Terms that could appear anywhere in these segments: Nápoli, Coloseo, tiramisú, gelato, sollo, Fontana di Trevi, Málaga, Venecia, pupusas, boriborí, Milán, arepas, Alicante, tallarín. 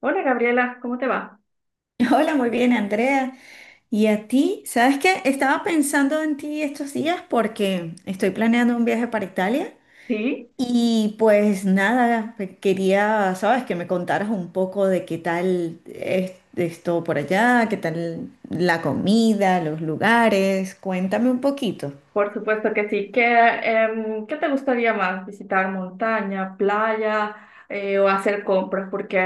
Hola Gabriela, ¿cómo te va? Hola, muy bien, Andrea. ¿Y a ti? ¿Sabes qué? Estaba pensando en ti estos días porque estoy planeando un viaje para Italia Sí, y pues nada, quería, sabes, que me contaras un poco de qué tal es esto por allá, qué tal la comida, los lugares. Cuéntame un poquito. por supuesto que sí. ¿Qué, qué te gustaría más? ¿Visitar montaña, playa o hacer compras? Porque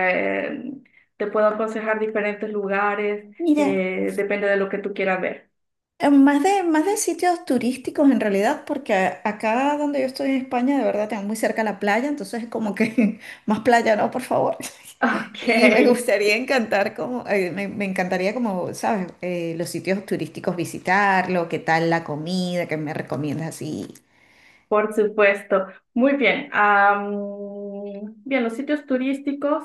em, te puedo aconsejar diferentes lugares, Mira. Depende de lo que tú quieras ver. Más de sitios turísticos en realidad, porque acá donde yo estoy en España, de verdad, tengo muy cerca la playa, entonces es como que más playa, no, por favor. Ok, Y me gustaría encantar como, me encantaría como, ¿sabes? Los sitios turísticos visitarlo, qué tal la comida, qué me recomiendas así. por supuesto. Muy bien. Bien, los sitios turísticos,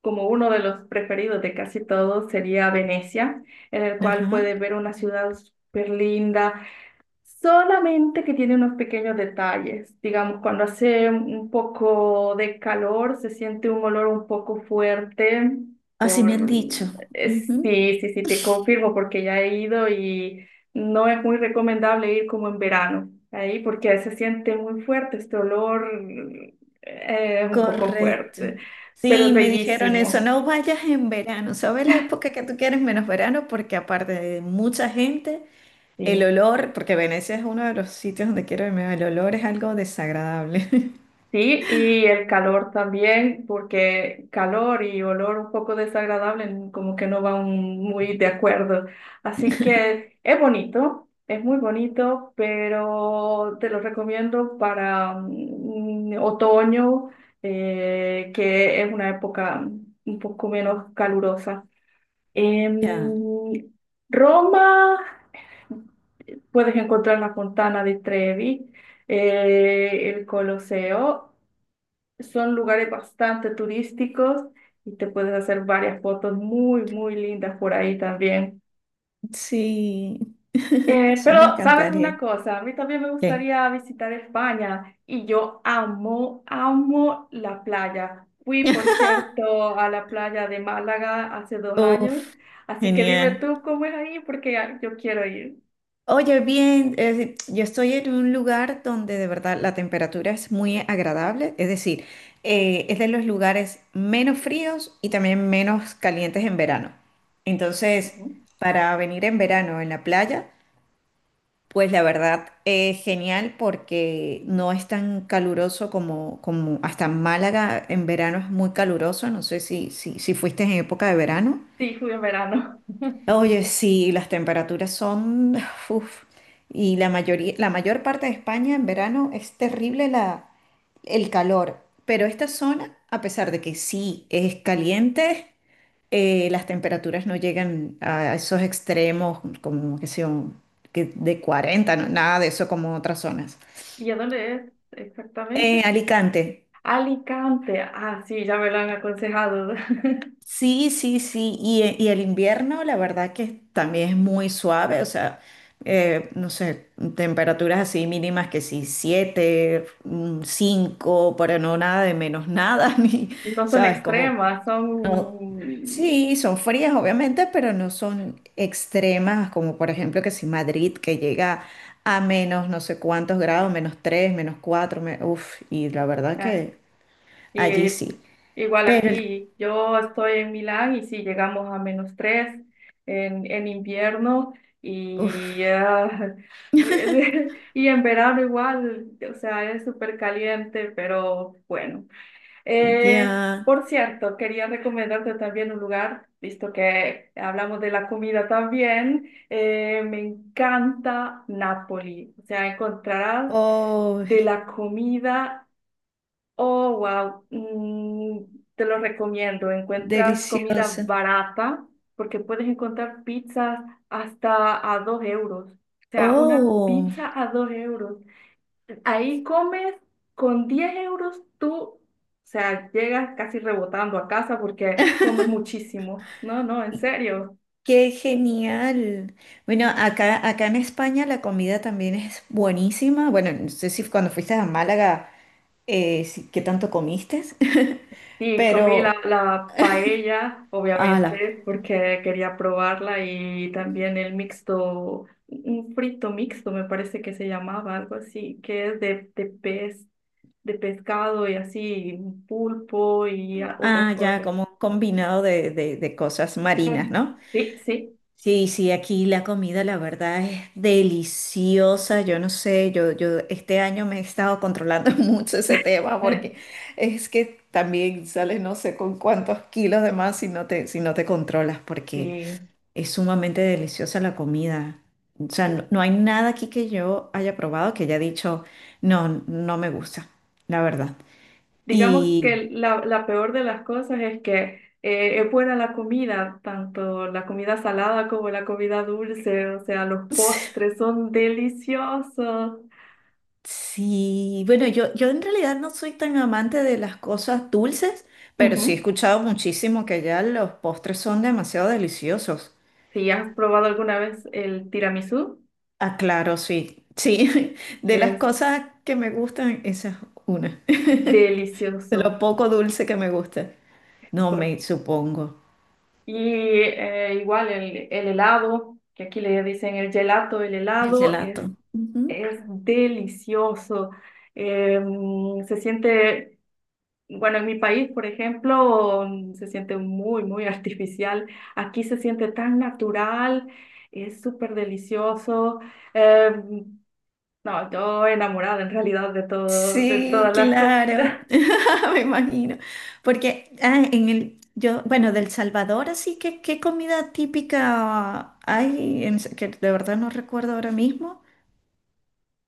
como uno de los preferidos de casi todos, sería Venecia, en el cual Ajá. puedes ver una ciudad súper linda. Solamente que tiene unos pequeños detalles. Digamos, cuando hace un poco de calor, se siente un olor un poco fuerte. Así me han Por... dicho. Ujú. Sí, sí, sí, te confirmo porque ya he ido y no es muy recomendable ir como en verano ahí porque se siente muy fuerte este olor, es un poco Correcto. fuerte, pero es Sí, me dijeron eso, bellísimo. no vayas en verano, ¿sabes la época que tú quieres menos verano? Porque aparte de mucha gente. El Sí. olor, porque Venecia es uno de los sitios donde quiero irme, el olor es algo desagradable. Sí, y el calor también, porque calor y olor un poco desagradable como que no van muy de acuerdo. Así que es bonito, es muy bonito, pero te lo recomiendo para otoño, que es una época un poco menos calurosa. Ya. En Roma puedes encontrar la Fontana di Trevi, el Coloseo. Son lugares bastante turísticos y te puedes hacer varias fotos muy, muy lindas por ahí también. Sí, eso me Pero, ¿sabes una encantaría. cosa? A mí también me ¿Qué? gustaría visitar España y yo amo, amo la playa. Fui, por cierto, a la playa de Málaga hace 2 años, Uf, así que dime genial. tú cómo es ahí porque yo quiero ir. Oye, bien, yo estoy en un lugar donde de verdad la temperatura es muy agradable, es decir, es de los lugares menos fríos y también menos calientes en verano. Entonces, Ujú. para venir en verano en la playa, pues la verdad, es genial porque no es tan caluroso como, como hasta Málaga en verano es muy caluroso. No sé si fuiste en época de verano. Sí, fui en verano. Oye, sí, las temperaturas son... uf, y la mayor parte de España en verano es terrible la, el calor. Pero esta zona, a pesar de que sí es caliente, las temperaturas no llegan a esos extremos, como que son que de 40 nada de eso como otras zonas. ¿Y a dónde es exactamente? Alicante, Alicante. Ah, sí, ya me lo han aconsejado. sí, sí, sí, y el invierno la verdad que también es muy suave, o sea, no sé, temperaturas así mínimas que sí, 7, 5 pero no nada de menos nada, ni, No son ¿sabes? Como extremas, no, son... sí, son frías obviamente, pero no son extremas como por ejemplo que si Madrid que llega a menos no sé cuántos grados, menos 3, menos 4, uff, y la verdad ah, que allí y sí. igual Pero, aquí, yo estoy en Milán y sí, llegamos a -3 en invierno y, uff, y en verano igual, o sea, es súper caliente, pero bueno. ya, Por cierto, quería recomendarte también un lugar, visto que hablamos de la comida también. Me encanta Nápoli. O sea, encontrarás. oh, De la comida, oh, wow, te lo recomiendo. Encuentras comida deliciosa. barata porque puedes encontrar pizzas hasta a 2 euros. O sea, una Oh, pizza a 2 euros. Ahí comes con 10 euros tú, o sea, llegas casi rebotando a casa porque comes muchísimo. No, no, en serio. qué genial. Bueno, acá en España la comida también es buenísima. Bueno, no sé si cuando fuiste a Málaga, ¿qué tanto comiste? Sí, comí Pero, la paella, ala, obviamente, porque quería probarla y también el mixto, un frito mixto, me parece que se llamaba, algo así, que es de pez, de pescado y así, un pulpo y otras ah, ya, cosas. como un combinado de, de cosas marinas, Mm, ¿no? Sí, sí, Sí, sí, aquí la comida, la verdad, es deliciosa. Yo no sé, yo este año me he estado controlando mucho ese tema porque es que también sales no sé con cuántos kilos de más si no te, si no te controlas, porque sí. es sumamente deliciosa la comida. O sea, no, no hay nada aquí que yo haya probado que haya dicho, no, no me gusta, la verdad. Digamos Y que la peor de las cosas es que es buena la comida, tanto la comida salada como la comida dulce, o sea, los postres son deliciosos. sí, bueno, yo en realidad no soy tan amante de las cosas dulces, pero sí he Ujú. escuchado muchísimo que ya los postres son demasiado deliciosos. Si has probado alguna vez el tiramisú, Ah, claro, sí. Sí, de las es cosas que me gustan, esa es una. De lo delicioso. poco dulce que me gusta. No Por- me supongo. Y igual el helado, que aquí le dicen el gelato, el El helado gelato. es delicioso. Se siente. Bueno, en mi país, por ejemplo, se siente muy, muy artificial. Aquí se siente tan natural, es súper delicioso. Eh, no, yo enamorada en realidad de todo, de Sí, todas las claro, comidas. me imagino. Porque ah, bueno, del Salvador, así que, ¿qué comida típica hay? Que de verdad no recuerdo ahora mismo.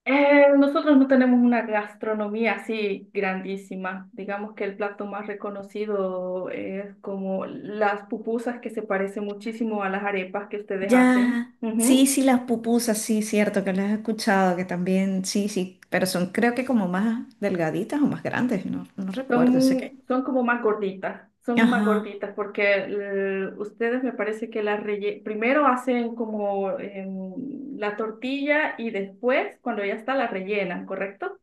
Nosotros no tenemos una gastronomía así grandísima. Digamos que el plato más reconocido es como las pupusas, que se parece muchísimo a las arepas que ustedes hacen. Ya, sí, Ujú. sí, las pupusas, sí, cierto, que las he escuchado, que también, sí, sí, pero son creo que como más delgaditas o más grandes, no, no recuerdo, sé Son, que. son como más gorditas, son más Ajá, gorditas porque ustedes me parece que las primero hacen como la tortilla y después cuando ya está la rellenan, ¿correcto?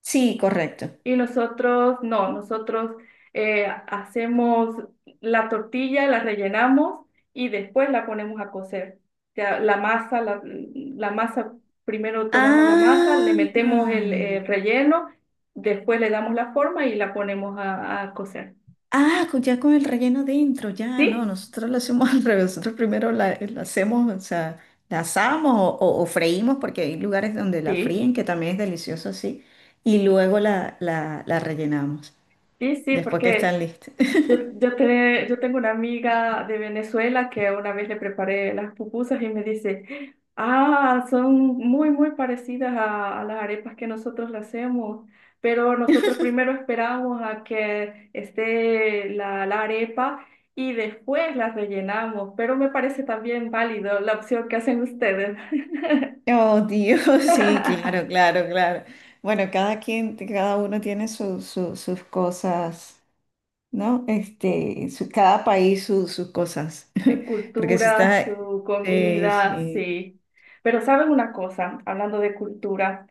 sí, correcto. Y nosotros no, nosotros hacemos la tortilla, la rellenamos y después la ponemos a cocer. O sea, la masa, la masa, primero tomamos la masa, le metemos Ah. El relleno, después le damos la forma y la ponemos a cocer. Ah, ya con el relleno dentro, ya, no, Sí, nosotros lo hacemos al revés, nosotros primero la hacemos, o sea, la asamos o freímos, porque hay lugares donde la sí, fríen, que también es delicioso así, y luego la rellenamos, sí, sí, después que están porque listas. Yo tengo una amiga de Venezuela que una vez le preparé las pupusas y me dice, ah, son muy, muy parecidas a las arepas que nosotros las hacemos, pero nosotros primero esperamos a que esté la arepa y después las rellenamos, pero me parece también válido la opción que hacen ustedes. Oh, Dios, sí, claro, claro, claro. Bueno, cada quien, cada uno tiene sus cosas, ¿no? Este, cada país sus cosas, Su porque si cultura, está... su Sí, comida, sí. sí. Pero ¿saben una cosa? Hablando de cultura,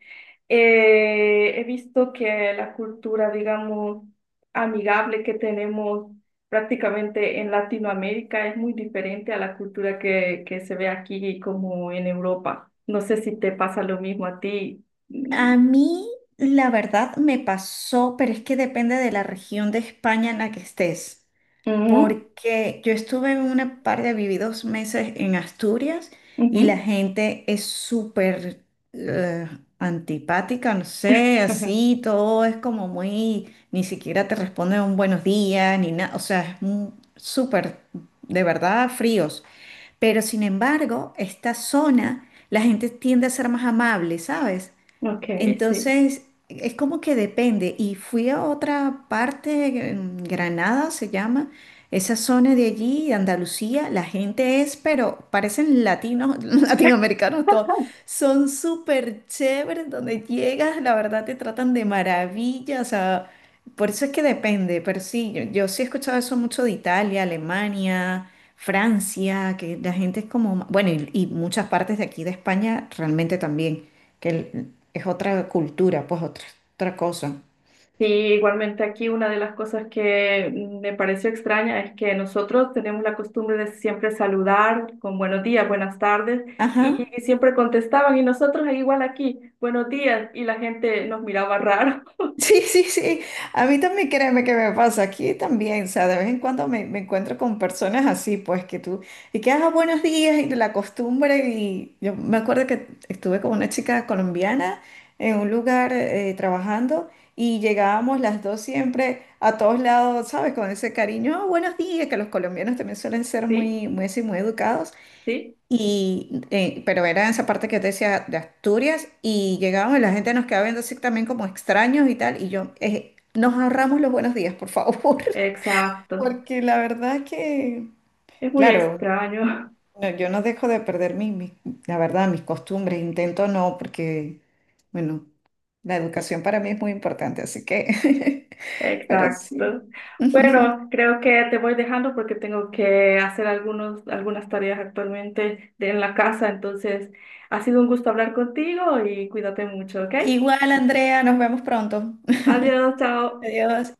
he visto que la cultura, digamos, amigable que tenemos prácticamente en Latinoamérica es muy diferente a la cultura que se ve aquí como en Europa. No sé si te pasa lo mismo a ti. A mí, la verdad, me pasó, pero es que depende de la región de España en la que estés, ujú, porque yo estuve en una parte, viví dos meses en Asturias y la ujú. gente es súper eh, antipática, no sé, así, todo es como muy, ni siquiera te responden un buenos días, ni nada, o sea, súper, de verdad, fríos. Pero sin embargo, esta zona, la gente tiende a ser más amable, ¿sabes? Ok, sí. Entonces, es como que depende. Y fui a otra parte, en Granada se llama, esa zona de allí, de Andalucía, la gente es, pero parecen latinos, latinoamericanos todos. Son súper chéveres, donde llegas, la verdad te tratan de maravilla, o sea, por eso es que depende, pero sí, yo sí he escuchado eso mucho de Italia, Alemania. Francia, que la gente es como, bueno, y muchas partes de aquí de España realmente también es otra cultura, pues otra, otra cosa. Sí, igualmente aquí una de las cosas que me pareció extraña es que nosotros tenemos la costumbre de siempre saludar con buenos días, buenas tardes y, Ajá. siempre contestaban y nosotros igual aquí, buenos días, y la gente nos miraba raro. Sí, sí, sí. A mí también créeme que me pasa aquí también. O sea, de vez en cuando me encuentro con personas así, pues que tú, y que hagas buenos días y la costumbre. Y yo me acuerdo que estuve con una chica colombiana en un lugar trabajando y llegábamos las dos siempre a todos lados, ¿sabes? Con ese cariño, "Ah, buenos días, que los colombianos también suelen ser Sí, muy, muy así, muy educados. sí, Y, pero era esa parte que te decía de Asturias y llegábamos y la gente nos quedaba viendo así también como extraños y tal. Y yo, nos ahorramos los buenos días, por favor. exacto. Porque la verdad es que, Es muy claro, extraño. no, yo no dejo de perder la verdad, mis costumbres. Intento no, porque, bueno, la educación para mí es muy importante, así que, pero Exacto. sí. Bueno, creo que te voy dejando porque tengo que hacer algunas tareas actualmente en la casa, entonces ha sido un gusto hablar contigo y cuídate mucho, ¿ok? Igual, Andrea, nos vemos pronto. Adiós, chao. Adiós.